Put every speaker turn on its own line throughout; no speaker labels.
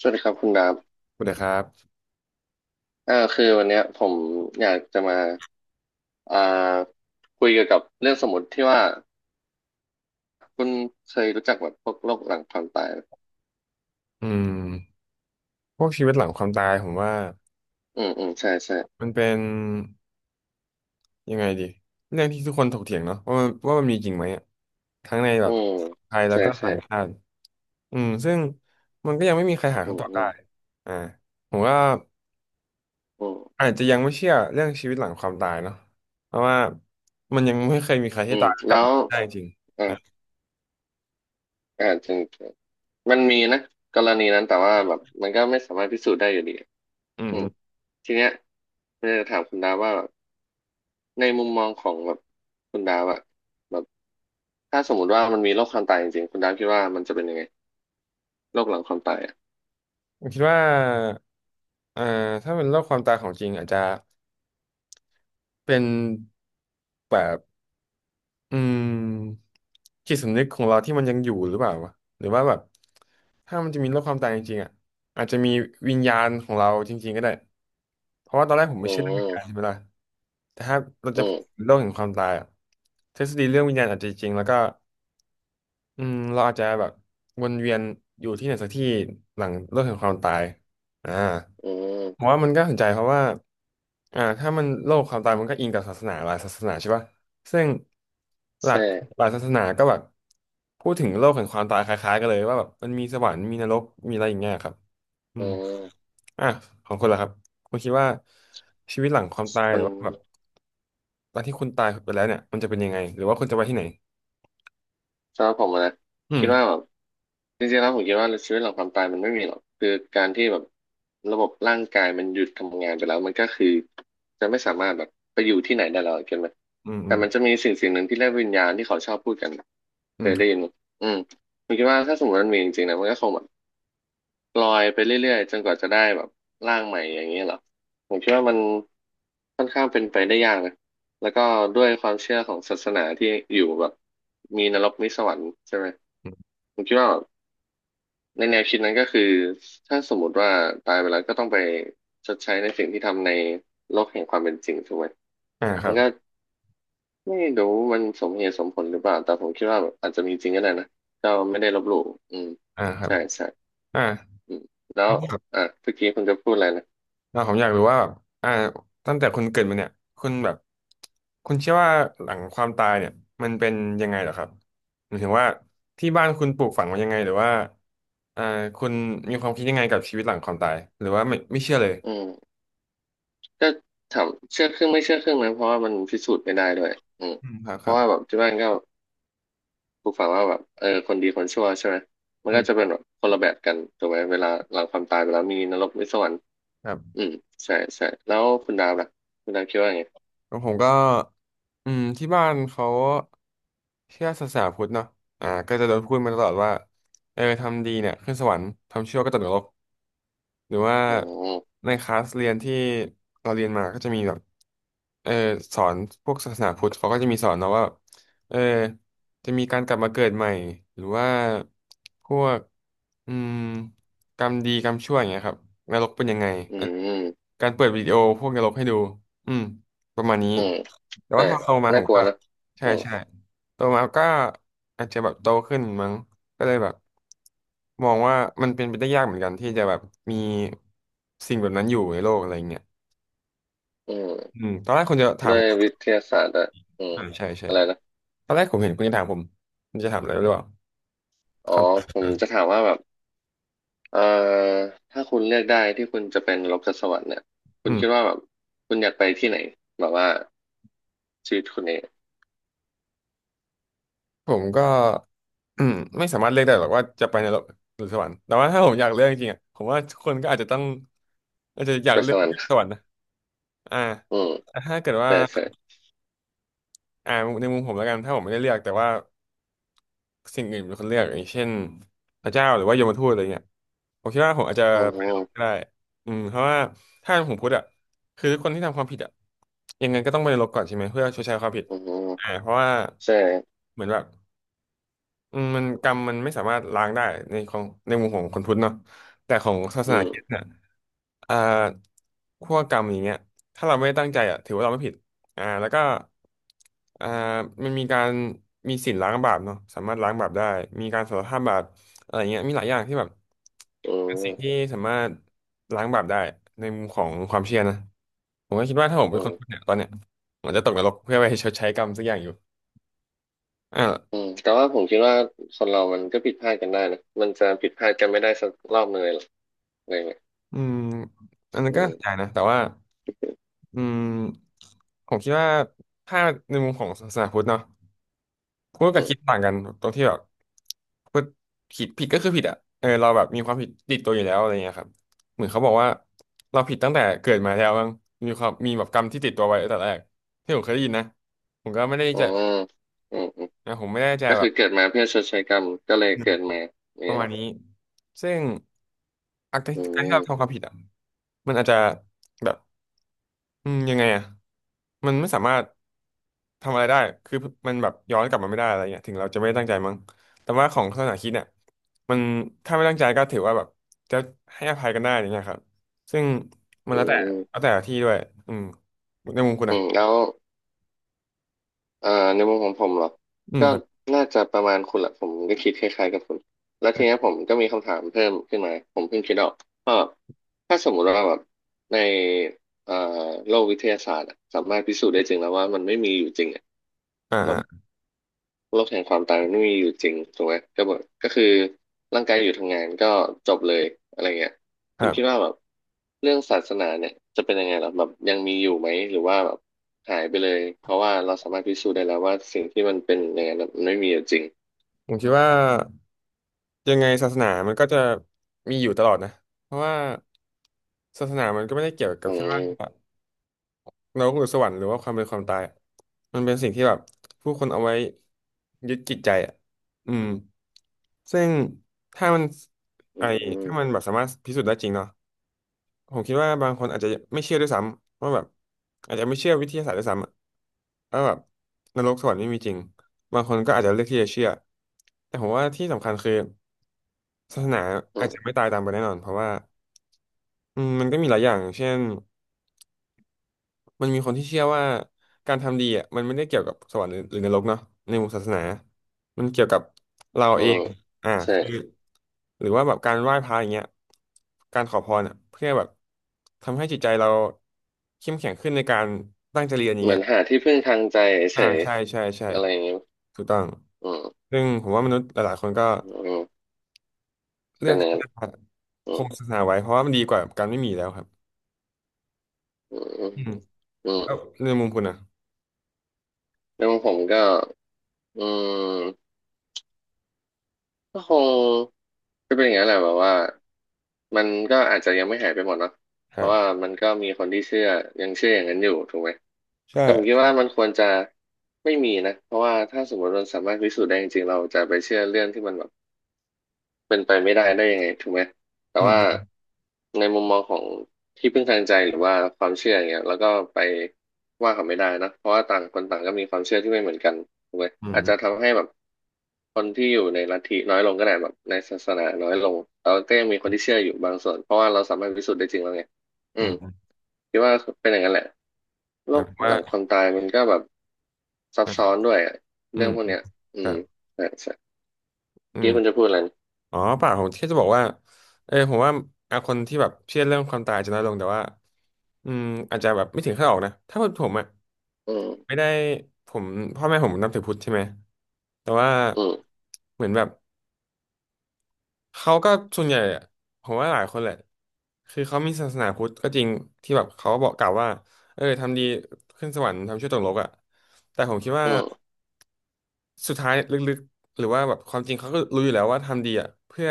สวัสดีครับคุณดาบ
สวัสดีครับ
คือวันเนี้ยผมอยากจะมาอ่าคุยเกี่ยวกับเรื่องสมมติที่ว่าคุณเคยรู้จักแบบพวกโรคหลังความตายไหม
อืมพวกชีวิตหลังความตายผมว่า
อืมอืมใช่ใช่
มันเป็นยังไงดีเรื่องที่ทุกคนถกเถียงเนาะว่ามันมีจริงไหมอะทั้งในแบ
อื
บ
ม
ไทยแล้ว
ใช่
ก็
ใช่
ต่างชาติอืมซึ่งมันก็ยังไม่มีใครหา
อื
คำ
ม
ตอบ
อื
ได้
ม
อ่าผมว่า
อื
อา
ม
จจะยังไม่เชื่อเรื่องชีวิตหลังความตายเนาะเพราะว่ามันยังไม่เคยมีใคร
อื
ที่
ม
ตายแล้วกลั
แล้
บ
ว
มาได้จริง
อ่า
นะ
จริงจริงมันมีนะกรณีนั้นแต่ว่าแบบมันก็ไม่สามารถพิสูจน์ได้อยู่ดี
อืม
อื
อื
ม
ม
ทีเนี้ยผมอยากจะถามคุณดาบว่าแบบในมุมมองของแบบคุณดาบอะแบบถ้าสมมติว่ามันมีโรคความตายจริงๆคุณดาบคิดว่ามันจะเป็นยังไง โรคหลังความตายอ่ะ
ผมคิดว่าเอ่อถ้าเป็นโรคความตายของจริงอาจจะเป็นแบบ อืมจิตสำนึกของเราที่มันยังอยู่หรือเปล่าวะหรือว่าแบบถ้ามันจะมีโลกความตายจริงๆอ่ะอาจจะมีวิญญาณของเราจริงๆก็ได้เพราะว่าตอนแรกผมไม่
อื
เชื่อเรื่องวิญ
ม
ญาณใช่ไหมล่ะแต่ถ้าเรา
อื
จะพูด
ม
ถึงโลกแห่งความตายอ่ะทฤษฎีเรื่องวิญญาณอาจจะจริงแล้วก็ อืมเราอาจจะแบบวนเวียนอยู่ที่ไหนสักที่หลังโลกแห่งความตายอ่า
อื
ผม
ม
ว่ามันก็สนใจเพราะว่าถ้ามันโลกความตายมันก็อิงกับศาสนาหลายศาสนาใช่ป่ะซึ่งหลาย
ใช่
หลายศาสนาก็แบบพูดถึงโลกแห่งความตายคล้ายๆกันเลยว่าแบบมันมีสวรรค์มีนรกมีอะไรอย่างเงี้ยครับอื
อื
ม
ม
อ่ะของคุณล่ะครับคุณคิดว่าชีวิตหลังความตายห
มั
รื
น
อว่าแบบตอนที่คุณตายไปแล้วเนี่ยมันจะเป็นยังไงหรือว่าคุณจะไปที่ไหน
สำหรับผมอะนะ
อื
คิดว่า
ม
แบบจริงๆแล้วผมคิดว่าชีวิตหลังความตายมันไม่มีหรอกคือการที่แบบระบบร่างกายมันหยุดทำงานไปแล้วมันก็คือ จะไม่สามารถแบบไปอยู่ที่ไหนได้แล้วเข้าใจไหม
อืมอื
แต่
ม
มันจะมีสิ่งสิ่งหนึ่งที่เรียกวิญญาณที่เขาชอบพูดกัน
อื
เค
ม
ยได้ยินไหมอืมผมคิดว่าถ้าสมมติมันมีจริงๆนะมันก็คงแบบ ลอยไปเรื่อยๆจนกว่าจะได้แบบร่างใหม่อย่างนี้เหรอผมคิดว่ามันค่อนข้างเป็นไปได้ยากนะแล้วก็ด้วยความเชื่อของศาสนาที่อยู่แบบมีนรกมีสวรรค์ใช่ไหม
อืม
ผมคิดว่าแบบในแนวคิดนั้นก็คือถ้าสมมติว่าตายไปแล้วก็ต้องไปชดใช้ในสิ่งที่ทำในโลกแห่งความเป็นจริงถูกไหม
อ่าค
มั
รั
น
บ
ก็ไม่รู้มันสมเหตุสมผลหรือเปล่าแต่ผมคิดว่าแบบอาจจะมีจริงก็ได้นะก็ไม่ได้ลบหลู่อืม
อ่าครับ
ใช่ใช่
อ่า
อืมแล้
ค
ว
รับครับ
อ่ะเมื่อกี้คุณจะพูดอะไรนะ
ผมอยากรู้ว่าแบบอ่าตั้งแต่คุณเกิดมาเนี่ยคุณแบบคุณเชื่อว่าหลังความตายเนี่ยมันเป็นยังไงเหรอครับหมายถึงว่าที่บ้านคุณปลูกฝังมายังไงหรือว่าอ่าคุณมีความคิดยังไงกับชีวิตหลังความตายหรือว่าไม่เชื่อเลย
อืม ก็ถามเชื่อครึ่งไม่เชื่อครึ่งนะเพราะว่ามันพิสูจน์ไม่ได้ด้วยอืม
อืมครับ
เพ
ครั
ราะว่าแบ
บ
บที่บ้านก็ปลูกฝังว่าแบบเออคนดีคนชั่วใช่ไหมมัน
อื
ก็จะเป็
ม
นแบบคนละแบบกันถูกไหมเวลาหลังความตายไปแล้วมีนรกมีสวรรค์
ครับ
อืมใช่ใช่แล้วคุณดาวล่ะคุณดาวคิดว่าไง
แล้วผมก็อืมที่บ้านเขาเชื่อศาสนาพุทธเนาะอ่าก็จะโดนพูดมาตลอดว่าเออทำดีเนี่ยขึ้นสวรรค์ทำชั่วก็ตกนรก หรือว่า
ออ
ในคลาสเรียนที่เราเรียนมาก็จะมีแบบเออสอนพวกศาสนาพุทธเขาก็จะมีสอนเนาะว่าเออจะมีการกลับมาเกิดใหม่หรือว่าพวกอืมกรรมดีกรรมชั่วอย่างเงี้ยครับนรกเป็นยังไง
อื
อั
ม
น
อืม
การเปิดวิดีโอพวกนรกให้ดูอืมประมาณนี้
อืม
แต่
ใช่
ว่าพอโตมาผ
น่า
ม
กลั
ก็
วนะ
ใช่
อืม
ใช่ โตมาก็อาจจะแบบโตขึ้นมั้งก็เลยแบบมองว่ามันเป็นไปได้ยากเหมือนกันที่จะแบบมีสิ่งแบบนั้นอยู่ในโลกอะไรเงี้ย
อื
อื
ม
มตอนแรกคุณจะถาม
ด้ว
ผ
ยวิ
ม
ทยาศาสตร์อะอืม
อ่าใช่ใช่
อะไรนะ
ตอนแรกผมเห็นคุณจะถามผมคุณจะถามอะไรหรือเปล่า
อ๋
ค
อ
รับ
ผมจะถามว่าแบบ เอ่อถ้าคุณเลือกได้ที่คุณจะเป็นโลกสวรรค์เนี่ยคุ
อื
ณ
ม
คิดว่าแบบคุณอยากไปที่ไหนแบบว่าชีวิตคุณเนี่ย
ผมก็อืมไม่สามารถเลือกได้หรอกว่าจะไปในโลกหรือสวรรค์แต่ว่าถ้าผมอยากเลือกจริงๆอ่ะผมว่าคนก็อาจจะต้องอาจจะอยา
ไป
กเลื
ส
อก
วรรค์
สวรรค์นะอ่า
อืม
แต่ถ้าเกิดว่า
ใช่ใช่
อ่าในมุมผมแล้วกันถ้าผมไม่ได้เลือกแต่ว่า สิ่งอื่นเป็นคนเลือกอย่างเช่นพระเจ้าหรือว่าโยมทูตอะไรเงี้ยผมคิดว่าผมอาจจะ
อื
ไปนรก
ม
ก็ได้อืมเพราะว่าถ้าผมพูดอ่ะคือคนที่ทำความผิดอ่ะยังไงก็ต้องไปนรกก่อนใช่ไหมเพื่อชดใช้ความผิด
อืม
เพราะว่า
ใช่
เหมือนแบบอืมมันกรรมมันไม่สามารถล้างได้ในของในมุมของคนพุทธเนาะแต่ของศาส
อื
นาคริสต์
ม
เนี่ย อ่าขั้วกรรมอย่างเงี้ยถ้าเราไม่ได้ตั้งใจอ่ะถือว่าเราไม่ผิดอ่าแล้วก็อ่ามันมีการมีศีลล้างบาปเนาะสามารถล้างบาปได้มีการสารภาพบาปอะไรเงี้ยมีหลายอย่างที่แบบ
อื
เป็นสิ่งที่
ม
สามารถล้างบาปได้ในมุมของความเชื่อนะผมก็คิดว่าถ้าผม
อื
เป็นคนพูด
ม
เนี่ยตอนเนี้ยผมจะตกนรกเพื่อไปชดใช้กรรมสักอย่างอยู่
อื
อ่า
มแต่ว่าผมคิดว่าคนเรามันก็ผิดพลาดกันได้นะมันจะผิดพลาดกันไม่ได้สักรอบหนึ่งเลยหรอกอะไรเงี้ย
อืมอันนั้น
อื
ก็ใช่
ม
นะแต่ว่าอืมผมคิดว่าถ้าในมุมของศาสนาพุทธเนาะ พูด
อื
กับ
ม
คิดต่างกันตรงที่แบบพูดผิดก็คือผิดอ่ะเออเราแบบมีความผิดติดตัวอยู่แล้วอะไรเงี้ยครับเหมือนเขาบอกว่าเราผิดตั้งแต่เกิดมาแล้วมั้งมีความมีแบบกรรมที่ติดตัวไว้ตั้งแต่แรกที่ผมเคยได้ยินนะผมก็ไม่ได้
อื
จะ
มอืมอืม
นะผมไม่ได้จะ
ก็
แบ
คื
บ
อเกิดมาเพื่อชดใช้กรรมก็เลยเกิดมา
ป
เนี่
ระ
ยแห
มาณ
ละ
นี้ซึ่งอาการ
อื
การที่
ม
เราทำความผิดอ่ะมันอาจจะแบบ ยังไงอ่ะมันไม่สามารถทำอะไรได้คือมันแบบย้อนกลับมาไม่ได้อะไรเงี้ยถึงเราจะไม่ได้ตั้งใจมั้งแต่ว่าของศาสนาคริดเนี่ยมันถ้าไม่ตั้งใจก็ถือว่าแบบจะให้อภัยกันได้อย่างเงี้ยครับซึ่งมัน
อื
แล้วแต่
ม
แล้วแต่ที่ด้วยอืมในมุมคุณ
อื
นะ
มแล้ว อ่าในมุมของผมเหรอ
อืม
ก็
ครับ
น่าจะประมาณคุณแหละผมก็คิดคล้ายๆกับคุณแล้วทีเนี้ยผมก็มีคำถามเพิ่มขึ้นมาผมเพิ่งคิดออกก็ถ้าสมมุติว่าแบบในเอ่อโลกวิทยาศาสตร์อะสามารถพิสูจน์ได้จริงแล้วว่ามันไม่มีอยู่จริงอะแบบ
อ่า
โลกแห่งความตายมันไม่มีอยู่จริงถูกไหมก็บอกก็คือร่างกายอยู่ทำงานก็จบเลยอะไรเงี้ย
ค
คุณ
รั
คิดว่า
บ
แบบเรื่องศาสนาเนี่ยจะเป็นยังไงหรอแบบยังมีอยู่ไหมหรือว่าแบบหายไปเลยเพราะว่าเราสามารถพิสูจน์ได้แล้วว่าสิ่งที่มันเป็นอย่างนั้นมันไม่มีอยู่จริง
ผมคิดว่ายังไงศาสนามันก็จะมีอยู่ตลอดนะเพราะว่าศาสนามันก็ไม่ได้เกี่ยวกับ
อื
แค่ว่า
ม
เรกคือสวรรค์หรือว่าความเป็นความตายอะมันเป็นสิ่งที่แบบผู้คนเอาไว้ยึดจิตใจอ่ะอืมซึ่งถ้ามันไอ
อืม
ถ้ามันแบบสามารถพิสูจน์ได้จริงเนาะผมคิดว่าบางคนอาจจะไม่เชื่อด้วยซ้ำว่าแบบอาจจะไม่เชื่อวิทยาศาสตร์ด้วยซ้ำอะว่าแบบนรกสวรรค์ไม่มีจริงบางคนก็อาจจะเลือกที่จะเชื่อแต่ผมว่าที่สำคัญคือศาสนา
อื
อาจ
มอื
จะไม่
ม
ตายตามไปแน่นอนเพราะว่าอืมมันก็มีหลายอย่างเช่น มันมีคนที่เชื่อว่าการทำดีอ่ะมันไม่ได้เกี่ยวกับสวรรค์หรือนรกเนาะในมุมศาสนามันเกี่ยวกับเรา
อื
เอ
ม
งอ่า
ใช่
คือหรือว่าแบบการไหว้พระอย่างเงี้ยการขอพรอ่ะเพื่อแบบทำให้จิตใจเราเข้มแข็งขึ้นในการตั้งใจเรียนอย่าง
เหมื
เงี้
อ
ย
นหาที่พึ่งทางใจ
อ่า
เฉย
ใช่ใช่ใช่
ๆอะไรอย่างเงี้ย
ถูกต้อง
อืม
ซึ่งผมว่ามนุษย์หลายๆคนก็
อืม
เลื
เป็
อ
น
ก
อย่าง
ที่
นั้น
จะ
อื
ค
ม
งศาสนาไว้เพราะว่ามันดีกว่าการไม่มีแล้วครับ
อืมอืม
อืม
อืม
แล้วในมุมคุณนะ
แล้วงผมก็อืม ก็คงก็เป็นอย่างนั้นแหละแบบว่ามันก็อาจจะยังไม่หายไปหมดเนาะ
ค
เพ
รั
ราะว่า
บ
มันก็มีคนที่เชื่อยังเชื่ออย่างนั้นอยู่ถูกไหมแต่ผมคิด
ใช่
ว่ามันควรจะไม่มีนะเพราะว่าถ้าสมมติมันสามารถพิสูจน์ได้จริงๆเราจะไปเชื่อเรื่องที่มันแบบ เป็นไปไม่ได้ได้ยังไงถูกไหมแต่
อื
ว่า
ม
ในมุมมองของที่พึ่งทางใจหรือว่าความเชื่ออย่างเงี้ยแล้วก็ไปว่าเขาไม่ได้นะเพราะว่าต่างคนต่างก็มีความเชื่อที่ไม่เหมือนกันถูกไหม
อืม
อาจ
อืม
จะทำให้แบบคนที่อยู่ในลัทธิน้อยลงก็ได้แบบในศาสนาน้อยลงแต่ว่าก็ยังมีคนที่เชื่ออยู่บางส่วนเพราะว่าเราสามารถพิสูจน์ได้จริงแล้วไงอื
อื
ม
ม
คิดว่าเป็นอย่างนั้นแหละ
ห
โล
มาย
ก
ถึง
ห
ว่า
ลังความตายมันก็แบบซับซ้อน
อ่ะ
ด้วยอะ
อื
เรื่อง
ม
พวกเนี้ยอื
ครั
ม
บ
ใช่ใช่
อื
เมื่อ
ม
กี้คุณจะพูดอะไรนะ
อ๋อเปล่าผมแค่จะบอกว่าเออผมว่าอ่ะคนที่แบบเชื่อเรื่องความตายจะน้อยลงแต่ว่าอืมอาจจะแบบไม่ถึงขั้นออกนะถ้าเป็นผมอ่ะ
อืม
ไม่ได้ผมพ่อแม่ผมนับถือพุทธใช่ไหมแต่ว่า
อืม
เหมือนแบบเขาก็ส่วนใหญ่อะผมว่าหลายคนแหละคือเขามีศาสนาพุทธก็จริงที่แบบเขาบอกกล่าวว่าเออทำดีขึ้นสวรรค์ทำชั่วตกนรกอ่ะแต่ผมคิดว่า
อืม
สุดท้ายลึกๆหรือว่าแบบความจริงเขาก็รู้อยู่แล้วว่าทำดีอ่ะเพื่อ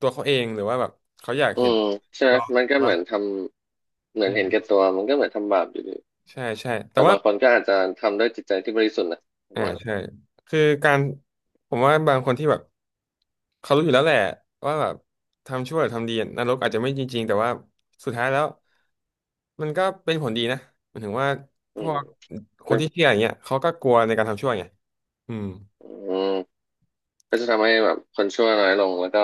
ตัวเขาเองหรือว่าแบบเขาอยาก
อื
เห็น
มใช่ไหม
เรา
มันก็เห
ว่า
มือนทำเหมือ
อื
นเห็นแก่
ม
ตัว มันก็เหมือนทำบาปอยู่ดี
ใช่ใช่แต่
แต่
ว่า
บางคนก็อาจจะทำด้วยจิตใจที่บริสุทธิ์นะผม
อ่า
ว่า
ใช่คือการผมว่าบางคนที่แบบเขารู้อยู่แล้วแหละว่าแบบทำชั่วหรือทำดีนรกอาจจะไม่จริงๆแต่ว่าสุดท้ายแล้วมันก็เป็นผลดีนะหมายถึงว่าพ
อื
ว
ม
กค
แบ
น
บ
ที่เชื่ออย่างเงี้ยเขาก็กลัวในการทำชั่วไงอืม
อืมก็จะทำให้แบบคนชั่วน้อยลงแล้วก็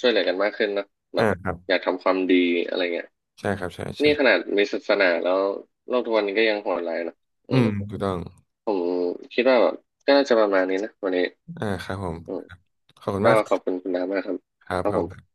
ช่วยเหลือกันมากขึ้นนะแบ
อ่า
บ
ครับ
อยากทำความดีอะไรเงี้ย
ใช่ครับใช่ใช่
นี่ขนาดมีศาสนาแล้วโลกทุกวันนี้ก็ยังโหดร้ายนะอื
อื
ม
มถูกต้อง
ผมคิดว่าแบบก็น่าจะประมาณนี้นะวันนี้
อ่าครับผม
อืม
ขอบคุณ
ก็
มากค
ข
รั
อบคุณ
บ
คุณน้ามากครับ
คร
ครับ
ั
ผม
บ